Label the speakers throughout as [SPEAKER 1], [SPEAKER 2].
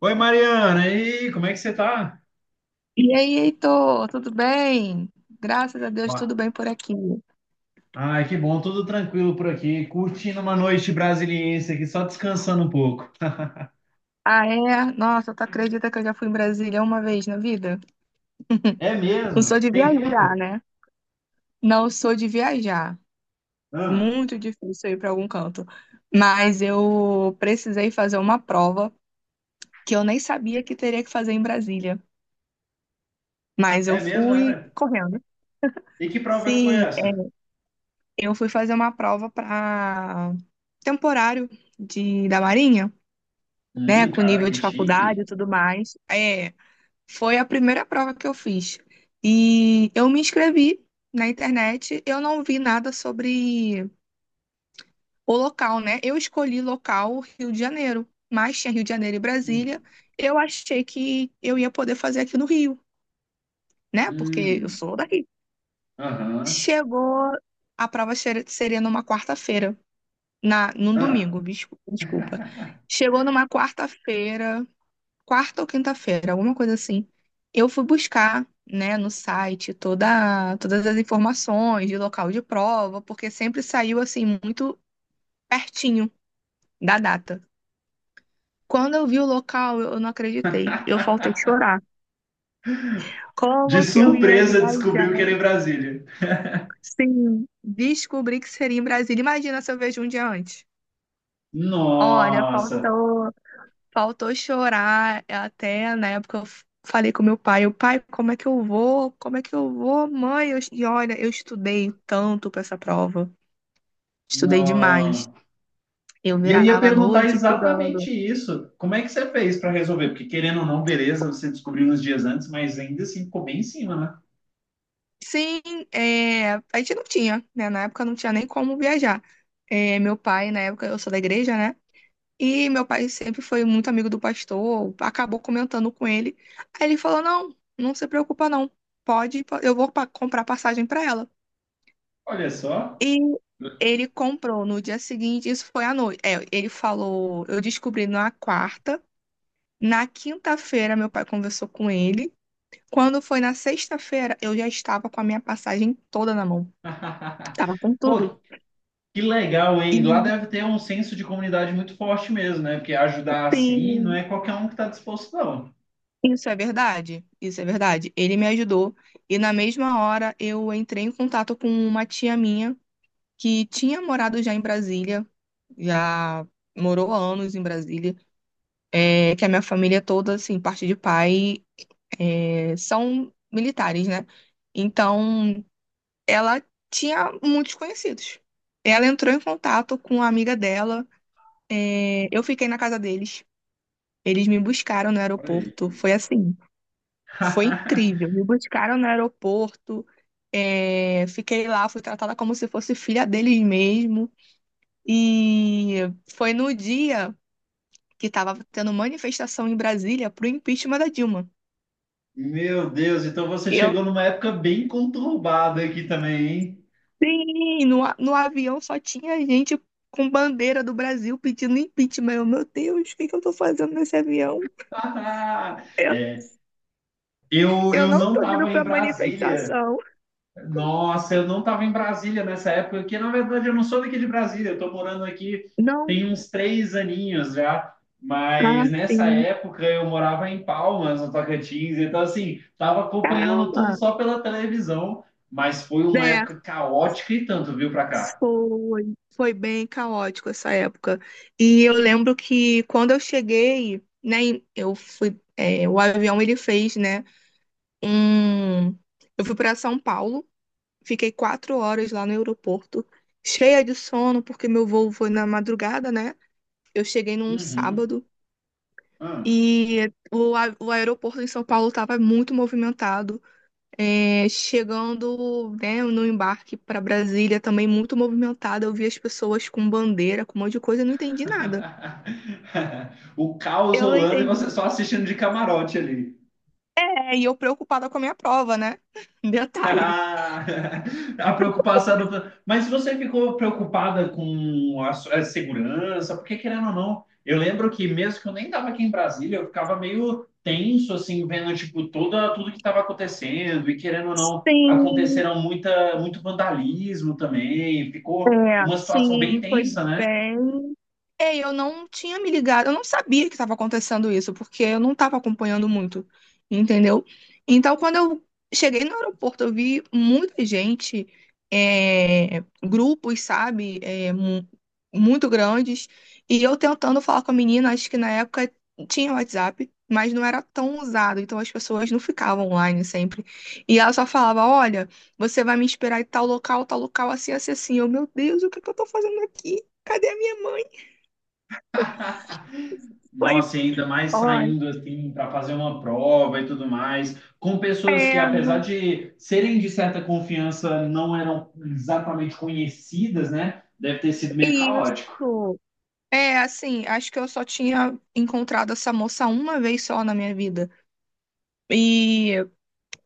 [SPEAKER 1] Oi, Mariana, e aí, como é que você tá?
[SPEAKER 2] E aí, Heitor, tudo bem? Graças a
[SPEAKER 1] Ó,
[SPEAKER 2] Deus, tudo bem por aqui.
[SPEAKER 1] ai, que bom, tudo tranquilo por aqui, curtindo uma noite brasiliense aqui, só descansando um pouco.
[SPEAKER 2] Ah, é? Nossa, tu acredita que eu já fui em Brasília uma vez na vida?
[SPEAKER 1] É
[SPEAKER 2] Não sou
[SPEAKER 1] mesmo?
[SPEAKER 2] de
[SPEAKER 1] Tem
[SPEAKER 2] viajar,
[SPEAKER 1] tempo?
[SPEAKER 2] né? Não sou de viajar.
[SPEAKER 1] Ah,
[SPEAKER 2] Muito difícil ir para algum canto. Mas eu precisei fazer uma prova que eu nem sabia que teria que fazer em Brasília. Mas eu
[SPEAKER 1] é mesmo, né,
[SPEAKER 2] fui
[SPEAKER 1] velho?
[SPEAKER 2] correndo.
[SPEAKER 1] E que prova que foi
[SPEAKER 2] Sim,
[SPEAKER 1] essa?
[SPEAKER 2] eu fui fazer uma prova para temporário da Marinha, né? Com
[SPEAKER 1] Cara,
[SPEAKER 2] nível
[SPEAKER 1] que
[SPEAKER 2] de faculdade e
[SPEAKER 1] chique.
[SPEAKER 2] tudo mais. É. Foi a primeira prova que eu fiz. E eu me inscrevi na internet, eu não vi nada sobre o local, né? Eu escolhi local Rio de Janeiro, mas tinha Rio de Janeiro e Brasília.
[SPEAKER 1] Hum,
[SPEAKER 2] Eu achei que eu ia poder fazer aqui no Rio, né? Porque eu
[SPEAKER 1] hum,
[SPEAKER 2] sou daqui.
[SPEAKER 1] aham,
[SPEAKER 2] Chegou, a prova seria numa quarta-feira, na num
[SPEAKER 1] ah.
[SPEAKER 2] domingo, desculpa. Chegou numa quarta-feira, quarta ou quinta-feira, alguma coisa assim. Eu fui buscar, né, no site todas as informações de local de prova, porque sempre saiu assim muito pertinho da data. Quando eu vi o local, eu não acreditei. Eu faltei chorar.
[SPEAKER 1] De
[SPEAKER 2] Como que eu ia
[SPEAKER 1] surpresa
[SPEAKER 2] viajar?
[SPEAKER 1] descobriu que era em Brasília.
[SPEAKER 2] Sim, descobri que seria em Brasília. Imagina se eu vejo um dia antes. Olha,
[SPEAKER 1] Nossa,
[SPEAKER 2] faltou. Faltou chorar até na época eu falei com meu pai, o pai, como é que eu vou? Como é que eu vou, mãe? Eu, e olha, eu estudei tanto para essa prova, estudei demais.
[SPEAKER 1] nossa.
[SPEAKER 2] Eu
[SPEAKER 1] E eu ia
[SPEAKER 2] virava à
[SPEAKER 1] perguntar
[SPEAKER 2] noite estudando.
[SPEAKER 1] exatamente isso. Como é que você fez para resolver? Porque querendo ou não, beleza, você descobriu uns dias antes, mas ainda assim ficou bem em cima, né?
[SPEAKER 2] Sim, é, a gente não tinha, né? Na época não tinha nem como viajar. É, meu pai, na época, eu sou da igreja, né? E meu pai sempre foi muito amigo do pastor, acabou comentando com ele. Aí ele falou: Não, não se preocupa, não. Pode, eu vou comprar passagem para ela.
[SPEAKER 1] Olha só.
[SPEAKER 2] E ele comprou no dia seguinte, isso foi à noite. É, ele falou, eu descobri na quarta, na quinta-feira meu pai conversou com ele. Quando foi na sexta-feira, eu já estava com a minha passagem toda na mão. Tava com tudo.
[SPEAKER 1] Pô, que legal,
[SPEAKER 2] E
[SPEAKER 1] hein? Lá deve ter um senso de comunidade muito forte mesmo, né? Porque ajudar assim não
[SPEAKER 2] sim,
[SPEAKER 1] é qualquer um que está disposto, não.
[SPEAKER 2] isso é verdade. Isso é verdade. Ele me ajudou e na mesma hora eu entrei em contato com uma tia minha que tinha morado já em Brasília, já morou há anos em Brasília, é, que a minha família toda, assim, parte de pai, é, são militares, né? Então, ela tinha muitos conhecidos. Ela entrou em contato com a amiga dela. É, eu fiquei na casa deles. Eles me buscaram no
[SPEAKER 1] Olha aí.
[SPEAKER 2] aeroporto. Foi assim, foi incrível. Me buscaram no aeroporto. É, fiquei lá, fui tratada como se fosse filha deles mesmo. E foi no dia que estava tendo manifestação em Brasília pro impeachment da Dilma.
[SPEAKER 1] Meu Deus, então você chegou numa época bem conturbada aqui também, hein?
[SPEAKER 2] Sim, no avião só tinha gente com bandeira do Brasil pedindo impeachment. Eu, meu Deus, o que que eu tô fazendo nesse avião? Eu,
[SPEAKER 1] É, eu,
[SPEAKER 2] eu
[SPEAKER 1] eu
[SPEAKER 2] não
[SPEAKER 1] não
[SPEAKER 2] tô indo
[SPEAKER 1] estava em
[SPEAKER 2] pra
[SPEAKER 1] Brasília.
[SPEAKER 2] manifestação.
[SPEAKER 1] Nossa, eu não estava em Brasília nessa época, porque na verdade eu não sou daqui de Brasília, eu estou morando aqui
[SPEAKER 2] Não
[SPEAKER 1] tem uns 3 aninhos já,
[SPEAKER 2] tá
[SPEAKER 1] mas nessa
[SPEAKER 2] assim.
[SPEAKER 1] época eu morava em Palmas, no Tocantins, então assim, estava acompanhando tudo
[SPEAKER 2] Caramba!
[SPEAKER 1] só pela televisão, mas foi uma
[SPEAKER 2] É,
[SPEAKER 1] época caótica e tanto, viu, pra cá.
[SPEAKER 2] foi bem caótico essa época. E eu lembro que quando eu cheguei, né, eu fui, o avião ele fez, né, um, eu fui para São Paulo. Fiquei 4 horas lá no aeroporto, cheia de sono, porque meu voo foi na madrugada, né? Eu cheguei num
[SPEAKER 1] Uhum.
[SPEAKER 2] sábado
[SPEAKER 1] Ah.
[SPEAKER 2] e o aeroporto em São Paulo estava muito movimentado. É, chegando, né, no embarque para Brasília, também muito movimentado. Eu vi as pessoas com bandeira, com um monte de coisa, eu não entendi nada.
[SPEAKER 1] O caos
[SPEAKER 2] Eu não
[SPEAKER 1] rolando e
[SPEAKER 2] entendi.
[SPEAKER 1] você só assistindo de camarote ali.
[SPEAKER 2] É, e eu preocupada com a minha prova, né? Detalhe.
[SPEAKER 1] A preocupação do... Mas você ficou preocupada com a segurança, porque querendo ou não, eu lembro que mesmo que eu nem estava aqui em Brasília, eu ficava meio tenso, assim, vendo, tipo, tudo que estava acontecendo, e querendo ou não,
[SPEAKER 2] Sim,
[SPEAKER 1] aconteceram muito vandalismo também,
[SPEAKER 2] é,
[SPEAKER 1] ficou uma situação bem
[SPEAKER 2] sim, foi
[SPEAKER 1] tensa, né?
[SPEAKER 2] bem. É, eu não tinha me ligado, eu não sabia que estava acontecendo isso, porque eu não estava acompanhando muito, entendeu? Então, quando eu cheguei no aeroporto, eu vi muita gente, é, grupos, sabe, é, muito grandes, e eu tentando falar com a menina, acho que na época tinha WhatsApp, mas não era tão usado, então as pessoas não ficavam online sempre. E ela só falava: Olha, você vai me esperar em tal local, assim, assim, assim. Eu, meu Deus, o que que eu tô fazendo aqui? Cadê a minha mãe?
[SPEAKER 1] Nossa, e ainda mais
[SPEAKER 2] Olha,
[SPEAKER 1] saindo assim para fazer uma prova e tudo mais, com pessoas que,
[SPEAKER 2] é,
[SPEAKER 1] apesar de serem de certa confiança, não eram exatamente conhecidas, né? Deve ter sido meio caótico.
[SPEAKER 2] isso. É, assim, acho que eu só tinha encontrado essa moça uma vez só na minha vida. E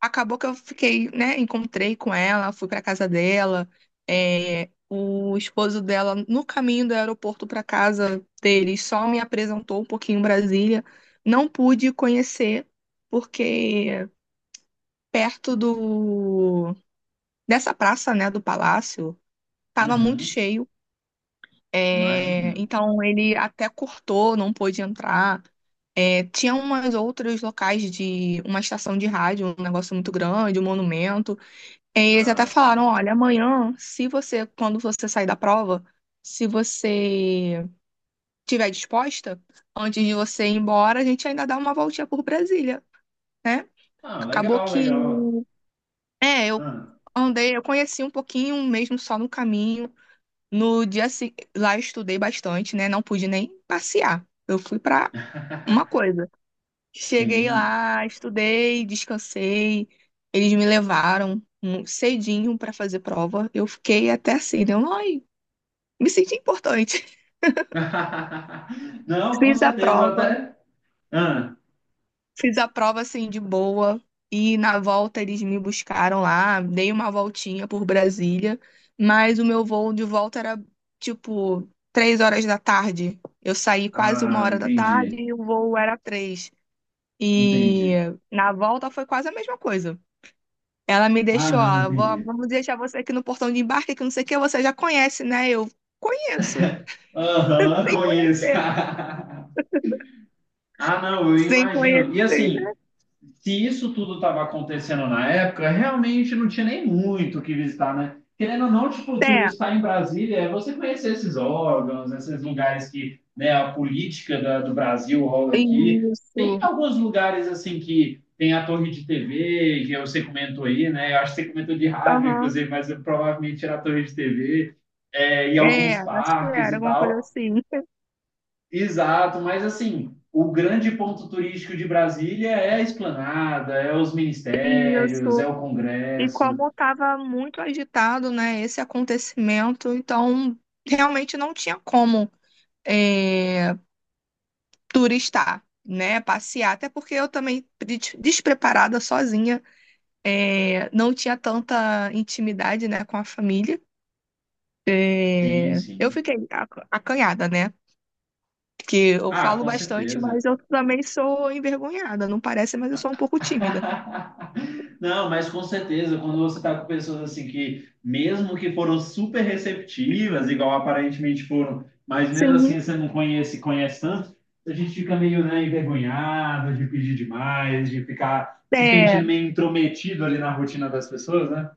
[SPEAKER 2] acabou que eu fiquei, né? Encontrei com ela, fui pra casa dela. É, o esposo dela, no caminho do aeroporto pra casa dele, só me apresentou um pouquinho em Brasília. Não pude conhecer, porque perto do, dessa praça, né, do palácio, tava muito
[SPEAKER 1] Uhum,
[SPEAKER 2] cheio. É,
[SPEAKER 1] imagino.
[SPEAKER 2] então ele até cortou, não pôde entrar. É, tinha umas outros locais de uma estação de rádio, um negócio muito grande, um monumento. É, e eles até
[SPEAKER 1] Ah,
[SPEAKER 2] falaram,
[SPEAKER 1] sim.
[SPEAKER 2] olha, amanhã, se você, quando você sair da prova, se você tiver disposta, antes de você ir embora, a gente ainda dá uma voltinha por Brasília, né?
[SPEAKER 1] Ah,
[SPEAKER 2] Acabou
[SPEAKER 1] legal,
[SPEAKER 2] que,
[SPEAKER 1] legal.
[SPEAKER 2] é, eu
[SPEAKER 1] Ah,
[SPEAKER 2] andei, eu conheci um pouquinho mesmo só no caminho. No dia se... lá eu estudei bastante, né? Não pude nem passear. Eu fui pra uma coisa. Cheguei
[SPEAKER 1] sim.
[SPEAKER 2] lá, estudei, descansei. Eles me levaram cedinho pra fazer prova. Eu fiquei até assim, deu, ai, me senti importante.
[SPEAKER 1] Não, com
[SPEAKER 2] Fiz a
[SPEAKER 1] certeza,
[SPEAKER 2] prova.
[SPEAKER 1] até. Ah,
[SPEAKER 2] Fiz a prova assim de boa e na volta eles me buscaram lá, dei uma voltinha por Brasília, mas o meu voo de volta era tipo 3 horas da tarde. Eu saí quase uma
[SPEAKER 1] ah,
[SPEAKER 2] hora da tarde
[SPEAKER 1] entendi,
[SPEAKER 2] e o voo era três. E
[SPEAKER 1] entendi.
[SPEAKER 2] na volta foi quase a mesma coisa. Ela me
[SPEAKER 1] Ah,
[SPEAKER 2] deixou,
[SPEAKER 1] não,
[SPEAKER 2] ó, "Vó,
[SPEAKER 1] entendi.
[SPEAKER 2] vamos deixar você aqui no portão de embarque, que não sei o que, você já conhece, né?" Eu conheço,
[SPEAKER 1] Aham,
[SPEAKER 2] sem
[SPEAKER 1] conheço.
[SPEAKER 2] conhecer,
[SPEAKER 1] Ah, não, eu
[SPEAKER 2] sem
[SPEAKER 1] imagino. E
[SPEAKER 2] conhecer.
[SPEAKER 1] assim, se isso tudo estava acontecendo na época, realmente não tinha nem muito o que visitar, né? Querendo ou não, tipo,
[SPEAKER 2] É,
[SPEAKER 1] turistar em Brasília é você conhecer esses órgãos, esses lugares que, né, a política do Brasil rola aqui. Tem
[SPEAKER 2] isso.
[SPEAKER 1] alguns lugares, assim, que tem a torre de TV, que você comentou aí, né? Eu acho que você comentou de rádio,
[SPEAKER 2] Aham.
[SPEAKER 1] inclusive, mas eu provavelmente era a torre de TV, é, e
[SPEAKER 2] É,
[SPEAKER 1] alguns
[SPEAKER 2] acho que
[SPEAKER 1] parques
[SPEAKER 2] era
[SPEAKER 1] e
[SPEAKER 2] alguma coisa
[SPEAKER 1] tal.
[SPEAKER 2] assim.
[SPEAKER 1] Exato, mas assim, o grande ponto turístico de Brasília é a Esplanada, é os ministérios, é
[SPEAKER 2] Isso.
[SPEAKER 1] o
[SPEAKER 2] E
[SPEAKER 1] Congresso.
[SPEAKER 2] como estava muito agitado, né, esse acontecimento, então realmente não tinha como é, turistar, né, passear. Até porque eu também, despreparada, sozinha, é, não tinha tanta intimidade, né, com a família.
[SPEAKER 1] Sim,
[SPEAKER 2] É, eu
[SPEAKER 1] sim.
[SPEAKER 2] fiquei acanhada, né? Porque eu
[SPEAKER 1] Ah,
[SPEAKER 2] falo
[SPEAKER 1] com
[SPEAKER 2] bastante, mas
[SPEAKER 1] certeza.
[SPEAKER 2] eu também sou envergonhada, não parece, mas eu sou um pouco tímida.
[SPEAKER 1] Não, mas com certeza, quando você está com pessoas assim que, mesmo que foram super receptivas, igual aparentemente foram, mas mesmo
[SPEAKER 2] Sim.
[SPEAKER 1] assim você não conhece, conhece tanto, a gente fica meio, né, envergonhado de pedir demais, de ficar se sentindo
[SPEAKER 2] É,
[SPEAKER 1] meio intrometido ali na rotina das pessoas, né?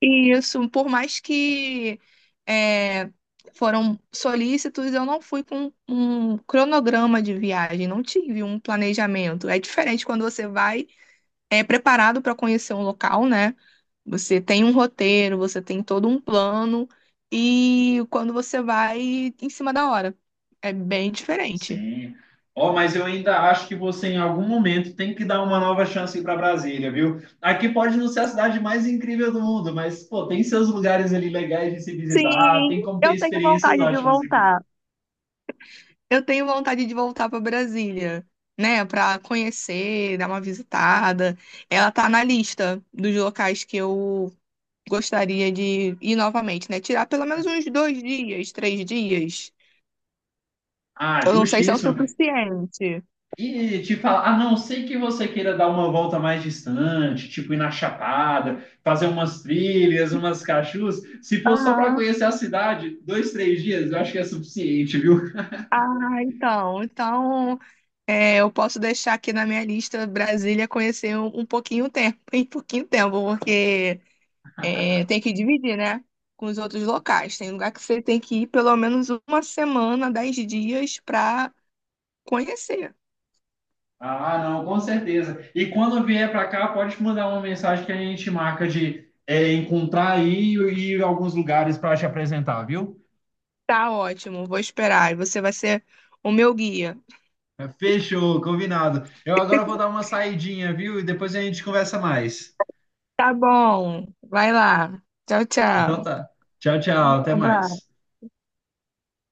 [SPEAKER 2] isso, por mais que é, foram solícitos, eu não fui com um cronograma de viagem, não tive um planejamento. É diferente quando você vai é, preparado para conhecer um local, né? Você tem um roteiro, você tem todo um plano, e quando você vai em cima da hora, é bem diferente.
[SPEAKER 1] Sim. Ó, mas eu ainda acho que você, em algum momento, tem que dar uma nova chance para Brasília, viu? Aqui pode não ser a cidade mais incrível do mundo, mas, pô, tem seus lugares ali legais de se visitar,
[SPEAKER 2] Sim,
[SPEAKER 1] tem como ter
[SPEAKER 2] eu tenho
[SPEAKER 1] experiências
[SPEAKER 2] vontade de
[SPEAKER 1] ótimas aqui.
[SPEAKER 2] voltar. Eu tenho vontade de voltar para Brasília, né, para conhecer, dar uma visitada. Ela tá na lista dos locais que eu gostaria de ir novamente, né? Tirar pelo menos uns 2 dias, 3 dias.
[SPEAKER 1] Ah,
[SPEAKER 2] Eu não sei se é o
[SPEAKER 1] justíssimo.
[SPEAKER 2] suficiente.
[SPEAKER 1] E te falar, a não ser que você queira dar uma volta mais distante, tipo ir na Chapada, fazer umas trilhas, umas cachus, se for só para
[SPEAKER 2] Aham.
[SPEAKER 1] conhecer a cidade, 2, 3 dias, eu acho que é suficiente, viu?
[SPEAKER 2] Ah, então, é, eu posso deixar aqui na minha lista Brasília conhecer um pouquinho tempo, em pouquinho tempo, porque é, tem que dividir, né? Com os outros locais. Tem lugar que você tem que ir pelo menos uma semana, 10 dias para conhecer.
[SPEAKER 1] Ah, não, com certeza. E quando vier para cá, pode mandar uma mensagem que a gente marca de é, encontrar aí e ir a alguns lugares para te apresentar, viu?
[SPEAKER 2] Tá ótimo, vou esperar. E você vai ser o meu guia.
[SPEAKER 1] É, fechou, combinado. Eu agora vou dar uma saidinha, viu? E depois a gente conversa mais.
[SPEAKER 2] Tá bom, vai lá. Tchau,
[SPEAKER 1] Então
[SPEAKER 2] tchau.
[SPEAKER 1] tá. Tchau,
[SPEAKER 2] Um
[SPEAKER 1] tchau, até mais.
[SPEAKER 2] abraço.